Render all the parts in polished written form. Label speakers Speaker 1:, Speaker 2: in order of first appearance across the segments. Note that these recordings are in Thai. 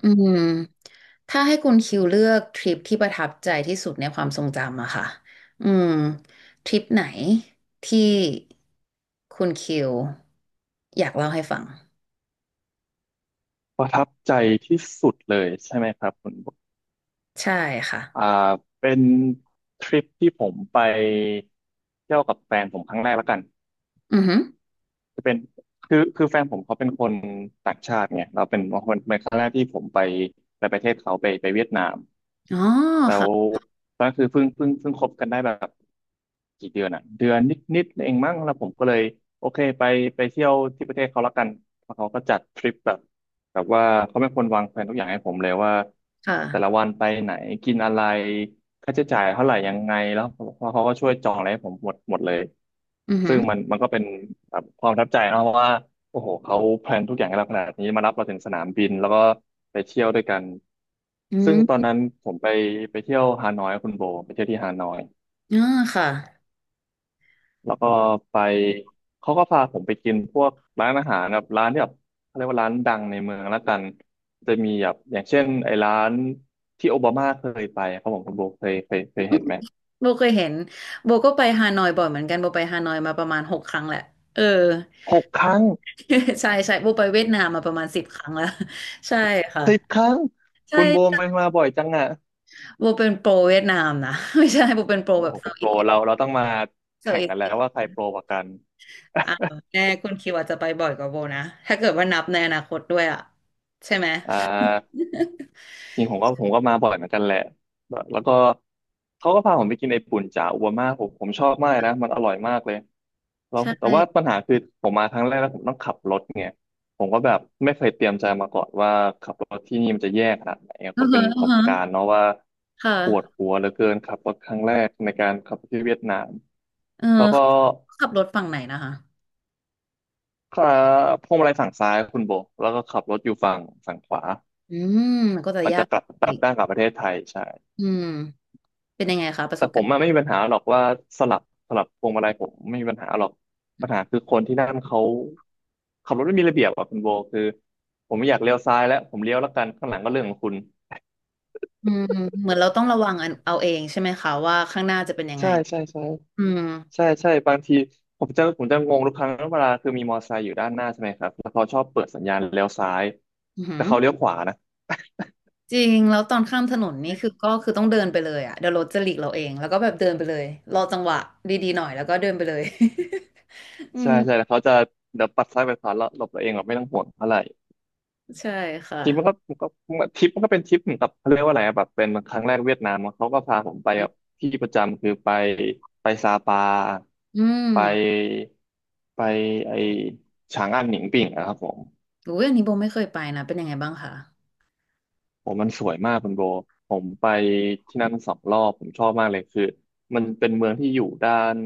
Speaker 1: อืมถ้าให้คุณคิวเลือกทริปที่ประทับใจที่สุดในความทรงจำอะค่ะอืมทริปไหนที่คุณคิวอยากเล่าให้ฟัง
Speaker 2: ประทับใจที่สุดเลยใช่ไหมครับคุณบุ๊ค
Speaker 1: ใช่ค่ะ
Speaker 2: อ่าเป็นทริปที่ผมไปเที่ยวกับแฟนผมครั้งแรกแล้วกัน
Speaker 1: อือหือ
Speaker 2: จะเป็นคือแฟนผมเขาเป็นคนต่างชาติไงเราเป็นคนเป็นครั้งแรกที่ผมไปประเทศเขาไปเวียดนาม
Speaker 1: อ๋อ
Speaker 2: แล้ว
Speaker 1: ค่ะ
Speaker 2: ตอนนั้นคือเพิ่งคบกันได้แบบกี่เดือนอ่ะเดือนนิดเองมั้งแล้วผมก็เลยโอเคไปไปเที่ยวที่ประเทศเขาละกันแล้วเขาก็จัดทริปแบบแบบว่าเขาเป็นคนวางแผนทุกอย่างให้ผมเลยว่า
Speaker 1: ค่ะ
Speaker 2: แต่ละวันไปไหนกินอะไรค่าใช้จ่ายเท่าไหร่ยังไงแล้วเขาก็ช่วยจองอะไรให้ผมหมดเลย
Speaker 1: อือหื
Speaker 2: ซึ่
Speaker 1: อ
Speaker 2: งมันก็เป็นแบบความประทับใจเนอะเพราะว่า โอ้โหเขาแพลนทุกอย่างให้เราขนาดนี้มารับเราถึงสนามบินแล้วก็ไปเที่ยวด้วยกัน
Speaker 1: อื
Speaker 2: ซึ่งตอน
Speaker 1: ม
Speaker 2: นั้นผมไปเที่ยวฮานอยกับคุณโบไปเที่ยวที่ฮานอย
Speaker 1: อ่าค่ะ
Speaker 2: แล้วก็ไปเขาก็พาผมไปกินพวกร้านอาหารแบบร้านที่แบบเขาเรียกว่าร้านดังในเมืองละกันจะมีแบบอย่างเช่นไอ้ร้านที่โอบามาเคยไปครับผมคุณโบเคยเห็นไหม
Speaker 1: โบเคยเห็นโบก็ไปฮานอยบ่อยเหมือนกันโบไปฮานอยมาประมาณหกครั้งแหละเออ
Speaker 2: หกครั้ง
Speaker 1: ใช่ใช่โบไปเวียดนามมาประมาณสิบครั้งแล้ว ใช่ค่ะ
Speaker 2: สิบครั้ง
Speaker 1: ใช่
Speaker 2: คุณโบมันมาบ่อยจังอ่ะ
Speaker 1: โบเป็นโปรเวียดนามนะ ไม่ใช่โบเป็นโปร
Speaker 2: โอ้
Speaker 1: แบ
Speaker 2: โห
Speaker 1: บ
Speaker 2: เป็
Speaker 1: เซา
Speaker 2: น
Speaker 1: ท์
Speaker 2: โป
Speaker 1: อี
Speaker 2: ร
Speaker 1: ส
Speaker 2: เราต้องมา
Speaker 1: เซา
Speaker 2: แข่
Speaker 1: ท์
Speaker 2: ง
Speaker 1: อีส
Speaker 2: กันแล้วว่าใครโปรกว่ากัน
Speaker 1: อ่าแน่คุณคิวอาจจะไปบ่อยกว่าโบนะถ้าเกิดว่านับในอนาคตด้วยอ่ะใช่ไหม
Speaker 2: อ่า จริงผมก็มาบ่อยเหมือนกันแหละแล้วก็เขาก็พาผมไปกินไอ้ปุ่นจ่าอัวมาผมชอบมากนะมันอร่อยมากเลยแล้
Speaker 1: ใช
Speaker 2: วแต่ว่าปั
Speaker 1: ่
Speaker 2: ญหาคือผมมาครั้งแรกแล้วผมต้องขับรถไงผมก็แบบไม่เคยเตรียมใจมาก่อนว่าขับรถที่นี่มันจะแย่ขนาดไหน
Speaker 1: เอ
Speaker 2: ก็
Speaker 1: อ
Speaker 2: เป็นป
Speaker 1: เอ
Speaker 2: ระ
Speaker 1: อ
Speaker 2: สบ
Speaker 1: ฮะ
Speaker 2: การณ์เนาะว่า
Speaker 1: ค่ะ
Speaker 2: ปวดหัวเหลือเกินขับรถครั้งแรกในการขับรถที่เวียดนาม
Speaker 1: เออ
Speaker 2: แล้วก็
Speaker 1: ขับรถฝั่งไหนนะคะ
Speaker 2: ขาพวงมาลัยฝั่งซ้ายคุณโบแล้วก็ขับรถอยู่ฝั่งขวา
Speaker 1: อืมมันก็จะ
Speaker 2: มัน
Speaker 1: ยา
Speaker 2: จะ
Speaker 1: ก
Speaker 2: กลับกลั
Speaker 1: อี
Speaker 2: บ
Speaker 1: ก
Speaker 2: ด้านกลับประเทศไทยใช่
Speaker 1: อืมเป็นยังไงคะประ
Speaker 2: แต่
Speaker 1: สบ
Speaker 2: ผ
Speaker 1: กา
Speaker 2: ม
Speaker 1: รณ์
Speaker 2: อะไม่มีปัญหาหรอกว่าสลับสลับพวงมาลัยผมไม่มีปัญหาหรอกปัญหาคือคนที่นั่นเขาขับรถไม่มีระเบียบอ่ะคุณโบคือผมไม่อยากเลี้ยวซ้ายแล้วผมเลี้ยวแล้วกันข้างหลังก็เรื่องของคุณ
Speaker 1: อืมเหมือนเราต้องระวังเอาเองใช่ไหมคะว่าข้างหน้าจะเป็นยังไง
Speaker 2: ใช่ใช่ใช่
Speaker 1: อืม
Speaker 2: ใช่ใช่บางทีผมจะงงทุกครั้งเวลาคือมีมอเตอร์ไซค์อยู่ด้านหน้าใช่ไหมครับแล้วเขาชอบเปิดสัญญาณเลี้ยวซ้าย
Speaker 1: อือหื
Speaker 2: แต่
Speaker 1: อ
Speaker 2: เขาเลี้ยวขวานะ
Speaker 1: จริงแล้วตอนข้ามถนนนี่คือก็คือต้องเดินไปเลยอ่ะเดี๋ยวรถจะหลีกเราเองแล้วก็แบบเดินไปเลยรอจังหวะดีๆหน่อยแล้วก็เดินไปเลย อื
Speaker 2: ใช่ใช่
Speaker 1: ม
Speaker 2: แล้วเขาจะเดี๋ยวปัดซ้ายไปขวาแล้วหลบตัวเองแบบไม่ต้องห่วงเท่าไหร่
Speaker 1: ใช่ค่ะ
Speaker 2: ทริปมันก็ทริปมันก็เป็นทริปเหมือนกับเขาเรียกว่าอะไรอะแบบเป็นครั้งแรกเวียดนามอะเขาก็พาผมไปแบบที่ประจำคือไปไปซาปา
Speaker 1: อืม
Speaker 2: ไปไปไอฉางอันหนิงปิ่งอะครับผม
Speaker 1: อุ้ยอันนี้โบไม่เคยไปนะเป็นยังไงบ้างคะ
Speaker 2: ผมมันสวยมากคุณโบผมไปที่นั่นสองรอบผมชอบมากเลยคือมันเป็นเมืองที่อยู่ด้าน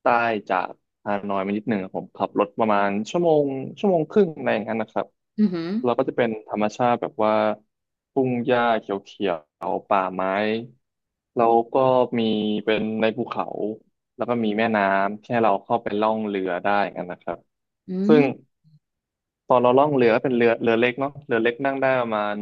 Speaker 2: ใต้จากฮานอยมานิดหนึ่งอะผมขับรถประมาณชั่วโมงชั่วโมงครึ่งอะไรอย่างนั้นนะครับ
Speaker 1: อือหือ
Speaker 2: เราก็จะเป็นธรรมชาติแบบว่าทุ่งหญ้าเขียวๆป่าไม้แล้วก็มีเป็นในภูเขาแล้วก็มีแม่น้ำแค่เราเข้าไปล่องเรือได้กันนะครับ
Speaker 1: อื
Speaker 2: ซึ่ง
Speaker 1: ม
Speaker 2: ตอนเราล่องเรือก็เป็นเรือเล็กเนาะเรือเล็กนั่งได้ประมาณ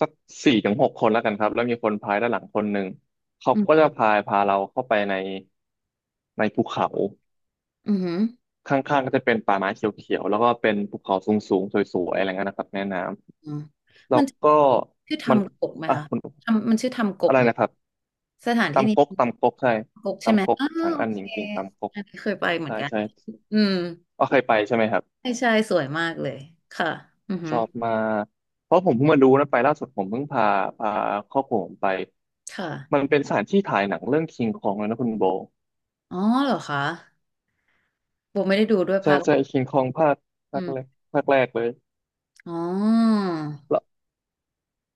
Speaker 2: สักสี่ถึงหกคนแล้วกันครับแล้วมีคนพายด้านหลังคนหนึ่งเขา
Speaker 1: อื
Speaker 2: ก็จะ
Speaker 1: ม
Speaker 2: พายพาเราเข้าไปในภูเขา
Speaker 1: อือหือ
Speaker 2: ข้างๆก็จะเป็นป่าไม้เขียวๆแล้วก็เป็นภูเขาสูงๆสวยๆอะไรเงี้ยนะครับแม่น้
Speaker 1: อืม
Speaker 2: ำแล้
Speaker 1: มั
Speaker 2: ว
Speaker 1: น
Speaker 2: ก็
Speaker 1: ชื่อท
Speaker 2: มัน
Speaker 1: ำกกไหม
Speaker 2: อ่ะ
Speaker 1: คะ
Speaker 2: คุณ
Speaker 1: ทำมันชื่อทำก
Speaker 2: อะ
Speaker 1: ก
Speaker 2: ไร
Speaker 1: ไหม
Speaker 2: นะครับ
Speaker 1: สถานที่นี้
Speaker 2: ตำก๊กใช่ตำก๊ก
Speaker 1: อ้าว
Speaker 2: ฉาง
Speaker 1: โอ
Speaker 2: อันห
Speaker 1: เค
Speaker 2: นิงปิงตำก๊ก
Speaker 1: อันนี้เคยไปเหมือ
Speaker 2: ใช่
Speaker 1: นกัน
Speaker 2: ใช่
Speaker 1: อืม
Speaker 2: ก็เคยไปใช่ไหมครับ
Speaker 1: ใช่ใช่สวยมากเลยค่ะอือ
Speaker 2: ช
Speaker 1: หือ
Speaker 2: อบมากเพราะผมเพิ่งมาดูนะไปล่าสุดผมเพิ่งพาครอบครัวผมไป
Speaker 1: ค่ะ
Speaker 2: มันเป็นสถานที่ถ่ายหนังเรื่องคิงคองเลยนะคุณโบ
Speaker 1: อ๋อเหรอคะโบไม่ได้ดูด้วย
Speaker 2: ใช่
Speaker 1: ภาค
Speaker 2: ใช่คิงคองภา
Speaker 1: อื
Speaker 2: คแรก
Speaker 1: ม
Speaker 2: ภาคแรกเลย
Speaker 1: อ๋อ
Speaker 2: แล้ว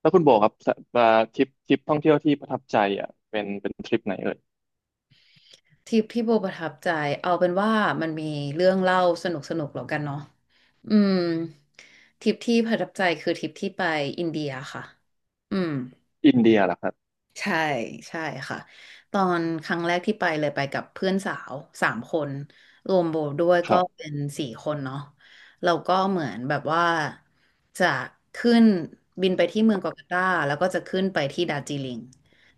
Speaker 2: แล้วคุณโบครับสะทริปท่องเที่ยวที่ประทับใจอ่ะเป็นทริปไหนเอ่ย
Speaker 1: ทริปที่โบประทับใจเอาเป็นว่ามันมีเรื่องเล่าสนุกแล้วกันเนาะอืมทริปที่ประทับใจคือทริปที่ไปอินเดียค่ะอืม
Speaker 2: อินเดียเหรอครับ
Speaker 1: ใช่ใช่ค่ะตอนครั้งแรกที่ไปเลยไปกับเพื่อนสาวสามคนรวมโบด้วย
Speaker 2: ค
Speaker 1: ก็
Speaker 2: รับ
Speaker 1: เป็นสี่คนเนาะเราก็เหมือนแบบว่าจะขึ้นบินไปที่เมืองกัวกาตาแล้วก็จะขึ้นไปที่ดาร์จิลิง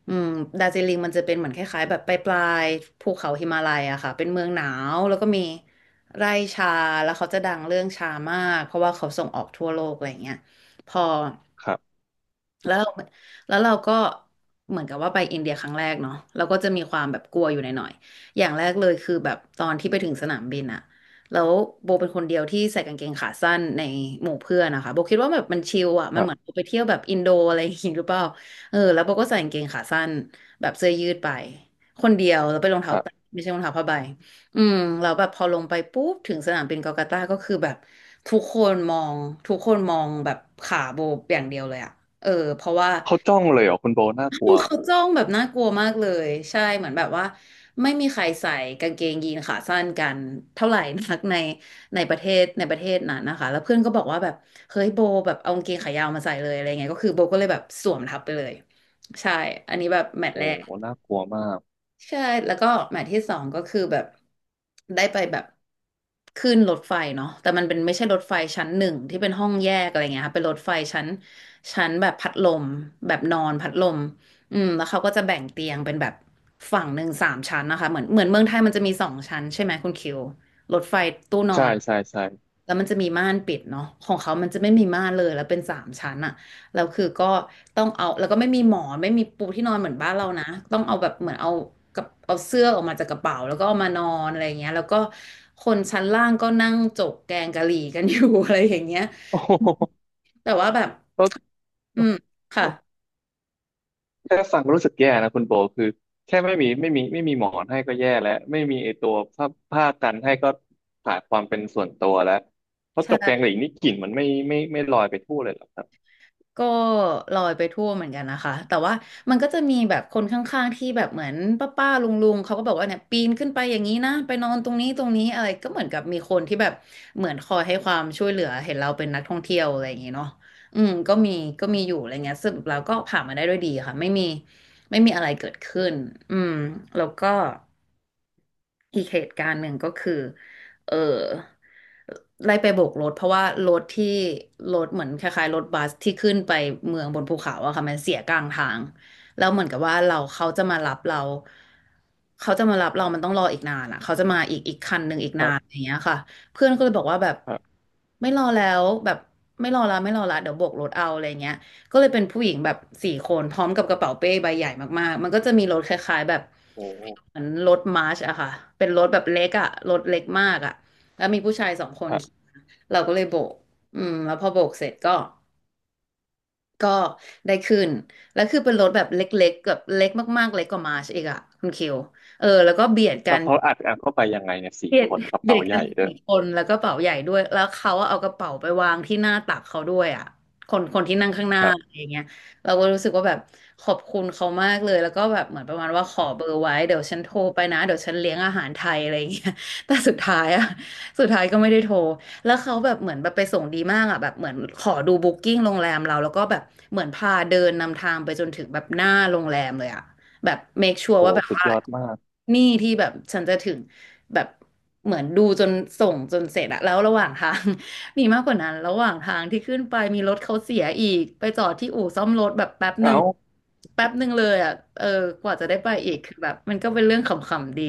Speaker 1: อืมดาร์จิลิงมันจะเป็นเหมือนคล้ายๆแบบปลายๆภูเขาหิมาลัยอะค่ะเป็นเมืองหนาวแล้วก็มีไร่ชาแล้วเขาจะดังเรื่องชามากเพราะว่าเขาส่งออกทั่วโลกอะไรอย่างเงี้ยพอ
Speaker 2: ครับ
Speaker 1: แล้วเราแล้วเราก็เหมือนกับว่าไปอินเดียครั้งแรกเนาะเราก็จะมีความแบบกลัวอยู่หน่อยๆอย่างแรกเลยคือแบบตอนที่ไปถึงสนามบินอะแล้วโบเป็นคนเดียวที่ใส่กางเกงขาสั้นในหมู่เพื่อนนะคะโบคิดว่าแบบมันชิลอะ
Speaker 2: ค
Speaker 1: มัน
Speaker 2: รั
Speaker 1: เหมือน
Speaker 2: บ
Speaker 1: ไปเที่ยวแบบอินโดอะไรอย่างงี้หรือเปล่าเออแล้วโบก็ใส่กางเกงขาสั้นแบบเสื้อยืดไปคนเดียวแล้วไปนรอง
Speaker 2: ค
Speaker 1: เท้า
Speaker 2: รั
Speaker 1: แตะ
Speaker 2: บ
Speaker 1: ไม่ใช่รองเท้าผ้าใบอืมเราแล้วแบบพอลงไปปุ๊บถึงสนามบินกลกัตตาก็คือแบบทุกคนมองทุกคนมองแบบขาโบอย่างเดียวเลยอะ เออเพราะว่า
Speaker 2: เขาจ้องเลยเหรอคุณโบน่ากลัว
Speaker 1: เขาจ้องแบบน่ากลัวมากเลยใช่เหมือนแบบว่าไม่มีใครใส่กางเกงยีนขาสั้นกันเท่าไหร่นักในในประเทศในประเทศนั้นนะคะแล้วเพื่อนก็บอกว่าแบบเฮ้ยโบแบบเอากางเกงขายาวมาใส่เลยอะไรเงี้ยก็คือโบก็เลยแบบสวมทับไปเลยใช่อันนี้แบบแมตช์
Speaker 2: โอ้
Speaker 1: แร
Speaker 2: โหน่ากลัวมาก
Speaker 1: ใช่แล้วก็หมาที่สองก็คือแบบได้ไปแบบขึ้นรถไฟเนาะแต่มันเป็นไม่ใช่รถไฟชั้นหนึ่งที่เป็นห้องแยกอะไรเงี้ยค่ะเป็นรถไฟชั้นแบบพัดลมแบบนอนพัดลมอืมแล้วเขาก็จะแบ่งเตียงเป็นแบบฝั่งหนึ่งสามชั้นนะคะเหมือนเมืองไทยมันจะมีสองชั้นใช่ไหมคุณคิวรถไฟตู้นอ
Speaker 2: ใช่
Speaker 1: น
Speaker 2: ใช่ใช่
Speaker 1: แล้วมันจะมีม่านปิดเนาะของเขามันจะไม่มีม่านเลยแล้วเป็นสามชั้นอะ แล้วคือก็ต้องเอาแล้วก็ไม่มีหมอนไม่มีปูที่นอนเหมือนบ้านเรานะต้องเอาแบบเหมือนเอากับเอาเสื้อออกมาจากกระเป๋าแล้วก็เอามานอนอะไรอย่างเงี้ยแล้วก็คนชั้นล่างก็นั่งจกแกงกะหรี่กันอยู่ อะไรอย่างเงี้ย
Speaker 2: โอ้โห
Speaker 1: แต่ว่าแบบ
Speaker 2: แล้ว
Speaker 1: อืมค่
Speaker 2: แค่ฟังก็รู้สึกแย่นะคุณโบคือแค่ไม่มีหมอนให้ก็แย่แล้วไม่มีไอตัวผ้าผ้ากันให้ก็ขาดความเป็นส่วนตัวแล้วเพราะจกแกง
Speaker 1: ะ
Speaker 2: หลีนี่กลิ่นมันไม่ลอยไปทั่วเลยเหรอครั
Speaker 1: ก็ลอยไปทั่วเหมือนกันนะคะแต่ว่ามันก็จะมีแบบคนข้างๆที่แบบเหมือนป้าป้าลุงลุงๆเขาก็บอกว่าเนี่ยปีนขึ้นไปอย่างนี้นะไปนอนตรงนี้อะไรก็เหมือนกับมีคนที่แบบเหมือนคอยให้ความช่วยเหลือเห็นเราเป็นนักท่องเที่ยวอะไรอย่างงี้เนาะอืมก็มีอยู่อะไรเงี้ยสรุปแล้วก็ผ่านมาได้ด้วยดีค่ะไม่มีอะไรเกิดขึ้นอืมแล้วก็อีกเหตุการณ์หนึ่งก็คือ เออไล่ไปโบกรถเพราะว่ารถที่เหมือนคล้ายๆรถบัสที่ขึ้นไปเมืองบนภูเขาอะค่ะมันเสียกลางทางแล้วเหมือนกับว่าเราเขาจะมารับเราเขาจะมารับเรามันต้องรออีกนานอะเขาจะมาอีกคันหนึ่งอีกนา
Speaker 2: บ
Speaker 1: นอย่างเงี้ยค่ะเพื่อนก็เลยบอกว่าแบบ
Speaker 2: ครับ
Speaker 1: ไม่รอแล้วแบบไม่รอละเดี๋ยวโบกรถเอาอะไรเงี้ย ก็เลยเป็นผู้หญิงแบบสี่คนพร้อมกับกระเป๋าเป้ใบใหญ่มากๆ มันก็จะมีรถคล้ายๆแบบ
Speaker 2: โอ้
Speaker 1: เหมือนรถมาร์ชอะค่ะเป็นรถแบบเล็กอะรถเล็กมากอะแล้วมีผู้ชายสองค
Speaker 2: ค
Speaker 1: น
Speaker 2: รับ
Speaker 1: ขี่มาเราก็เลยโบกอืมแล้วพอโบกเสร็จก็ได้ขึ้นแล้วคือเป็นรถแบบเล็กๆแบบเล็กมากๆเล็กกว่ามาร์ชอีกอะคุณคิว
Speaker 2: แล้วเขาอัดเข้าไปยังไงเนี่ยสี่
Speaker 1: เบีย
Speaker 2: ค
Speaker 1: ด
Speaker 2: นกระ
Speaker 1: เบี
Speaker 2: เป๋า
Speaker 1: ยด
Speaker 2: ให
Speaker 1: กั
Speaker 2: ญ่
Speaker 1: น
Speaker 2: ด้วย
Speaker 1: สี่คนแล้วก็เป๋าใหญ่ด้วยแล้วเขาเอากระเป๋าไปวางที่หน้าตักเขาด้วยอ่ะคนคนที่นั่งข้างห
Speaker 2: ค
Speaker 1: น้า
Speaker 2: รั
Speaker 1: อะ
Speaker 2: บ
Speaker 1: ไรอย่างเงี้ยเราก็รู้สึกว่าแบบขอบคุณเขามากเลยแล้วก็แบบเหมือนประมาณว่าขอเบอร์ไว้เดี๋ยวฉันโทรไปนะเดี๋ยวฉันเลี้ยงอาหารไทยอะไรอย่างเงี้ย แต่สุดท้ายอ่ะสุดท้ายก็ไม่ได้โทรแล้วเขาแบบเหมือนแบบไปส่งดีมากอ่ะแบบเหมือนขอดูบุ๊กิ้งโรงแรมเราแล้วก็แบบเหมือนพาเดินนำทางไปจนถึงแบบหน้าโรงแรมเลยอ่ะ แบบ make sure
Speaker 2: โอ้
Speaker 1: ว่าแบบ
Speaker 2: สุด
Speaker 1: ว่า
Speaker 2: ยอดมาก
Speaker 1: นี่ที่แบบฉันจะถึงแบบเหมือนดูจนส่งจนเสร็จอะแล้วระหว่างทาง มีมากกว่านั้นระหว่างทางที่ขึ้นไปมีรถเขาเสียอีกไปจอดที่อู่ซ่อมรถแบบแป๊บหนึ่
Speaker 2: เอ้า
Speaker 1: งแป๊บหนึ่งเลยอะเออกว่าจะได้ไปอีกคือแบบมันก็เป็นเรื่องขำๆดี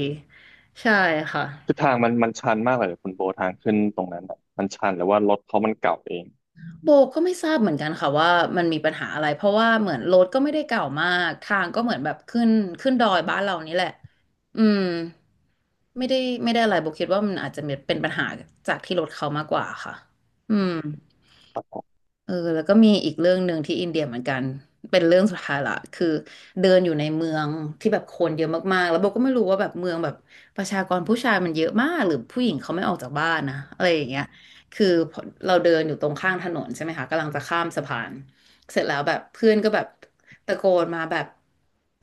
Speaker 1: ใช่ค่ะ
Speaker 2: คือทางมันชันมากเลยเหรอคุณโบทางขึ้นตรงนั้นอะมันชันหรือว่ารถเขามันเก่าเอง
Speaker 1: โบก็ไม่ทราบเหมือนกันค่ะว่ามันมีปัญหาอะไรเพราะว่าเหมือนรถก็ไม่ได้เก่ามากทางก็เหมือนแบบขึ้นดอยบ้านเรานี่แหละอืมไม่ได้อะไรโบคิดว่ามันอาจจะเป็นปัญหาจากที่รถเขามากกว่าค่ะอืม
Speaker 2: ครับผม
Speaker 1: แล้วก็มีอีกเรื่องหนึ่งที่อินเดียเหมือนกันเป็นเรื่องสุดท้ายละคือเดินอยู่ในเมืองที่แบบคนเยอะมากๆแล้วโบก็ไม่รู้ว่าแบบเมืองแบบประชากรผู้ชายมันเยอะมากหรือผู้หญิงเขาไม่ออกจากบ้านนะอะไรอย่างเงี้ยคือพอเราเดินอยู่ตรงข้างถนนใช่ไหมคะกำลังจะข้ามสะพานเสร็จแล้วแบบเพื่อนก็แบบตะโกนมาแบบ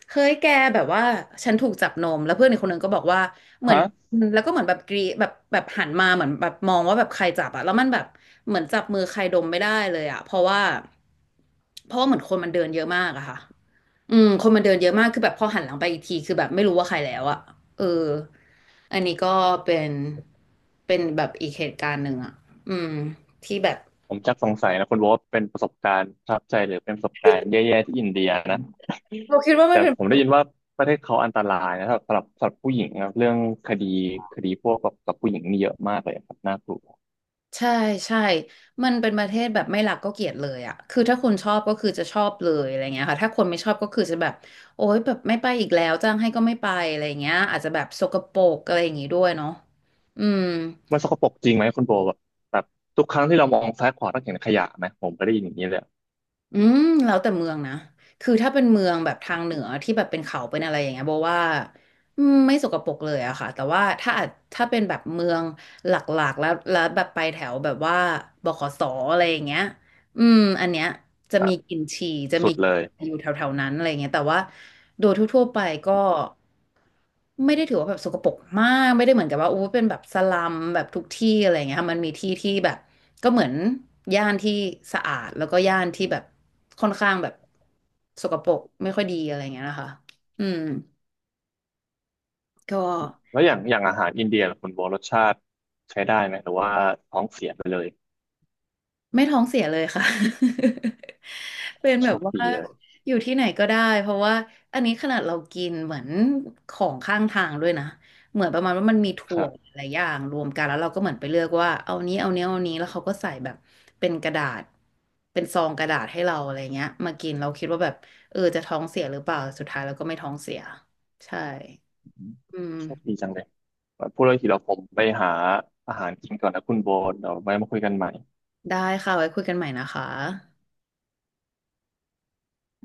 Speaker 1: เฮ้ยแกแบบว่าฉันถูกจับนมแล้วเพื่อนอีกคนนึงก็บอกว่าเหมือ
Speaker 2: ฮะ
Speaker 1: น อืมแล้วก็เหมือนแบบกรีแบบหันมาเหมือนแบบมองว่าแบบใครจับอะแล้วมันแบบเหมือนจับมือใครดมไม่ได้เลยอะเพราะว่าเหมือนคนมันเดินเยอะมากอะค่ะอืมคนมันเดินเยอะมากคือแบบพอหันหลังไปอีกทีคือแบบไม่รู้ว่าใครแล้วอะเอออันนี้ก็เป็นแบบอีกเหตุการณ์หนึ่งอะอืมที่แบบ
Speaker 2: ผมจักสงสัยนะคุณโบทเป็นประสบการณ์ประทับใจหรือเป็นประสบการณ์แย่ๆที่อินเดียนะ
Speaker 1: เรา คิดว่ามั
Speaker 2: แต่
Speaker 1: นเป็น
Speaker 2: ผมได้ยินว่าประเทศเขาอันตรายนะสำหรับผู้หญิงนะเรื่องคดีพวกกับผู้หญิงนี่เยอะมากเลยครับน่ากลัว
Speaker 1: ใช่ใช่ มันเป็นประเทศแบบไม่รักก็เกลียดเลยอะ คือถ้าคนชอบก็คือจะชอบเลยอะไรเงี้ยค่ะถ้าคนไม่ชอบก็คือจะแบบโอ๊ยแบบไม่ไปอีกแล้วจ้างให้ก็ไม่ไปอะไรเงี้ยอาจจะแบบสกปรกอะไรอย่างงี้ด้วยเนาะอืม
Speaker 2: มันสกปรกจริงไหมคุณโบแบบทุกครั้งที่เรามองซ้ายขวาต้องเห็นขยะไหมผมก็ได้ยินอย่างนี้เลย
Speaker 1: อืม แล้วแต่เมืองนะคือถ้าเป็นเมืองแบบทางเหนือที่แบบเป็นเขาเป็นอะไรอย่างเงี้ยโบว่าอืมไม่สกปรกเลยอะค่ะแต่ว่าถ้าอาจเป็นแบบเมืองหลักๆแล้วแบบไปแถวแบบว่าบขสอะไรอย่างเงี้ยอืมอันเนี้ย จะ
Speaker 2: ครั
Speaker 1: มี
Speaker 2: บ
Speaker 1: กลิ่นฉี่จะ
Speaker 2: สุ
Speaker 1: มี
Speaker 2: ดเลย
Speaker 1: อยู่แถวๆนั้นอะไรเงี้ยแต่ว่าโดยทั่วๆไปก็ไม่ได้ถือว่าแบบสกปรกมากไม่ได้เหมือนกับว่าอู้เป็นแบบสลัมแบบทุกที่อะไรเงี้ยค่ะมันมีที่ที่แบบก็เหมือนย่านที่สะอาดแล้วก็ย่านที่แบบค่อนข้างแบบสกปรกไม่ค่อยดีอะไรเงี้ยนะคะอืมก็
Speaker 2: แล้วอย่างอาหารอินเดียล่ะคุณโบรสชาติใช้ได้ไหมหรือว่าท้องเสียไปเลย
Speaker 1: ไม่ท้องเสียเลยค่ะ เป็นแบ
Speaker 2: โช
Speaker 1: บ
Speaker 2: ค
Speaker 1: ว่า
Speaker 2: ดีเลย
Speaker 1: อยู่ที่ไหนก็ได้เพราะว่าอันนี้ขนาดเรากินเหมือนของข้างทางด้วยนะเหมือนประมาณว่ามันมี
Speaker 2: ค
Speaker 1: ถั่ว
Speaker 2: รับ
Speaker 1: หลายอย่างรวมกันแล้วเราก็เหมือนไปเลือกว่าเอานี้เอานี้เอานี้แล้วเขาก็ใส่แบบเป็นกระดาษเป็นซองกระดาษให้เราอะไรเงี้ยมากินเราคิดว่าแบบเออจะท้องเสียหรือเปล่าสุดท้ายเราก็ไม่ท้องเสียใช่อืม
Speaker 2: โชคดีจังเลยพูดเรื่องทีเราผมไปหาอาหารกินก่อนนะคุณโบเดี๋ยวไว้มาคุยกันใหม่
Speaker 1: ได้ค่ะไว้คุยกันใหม่นะคะ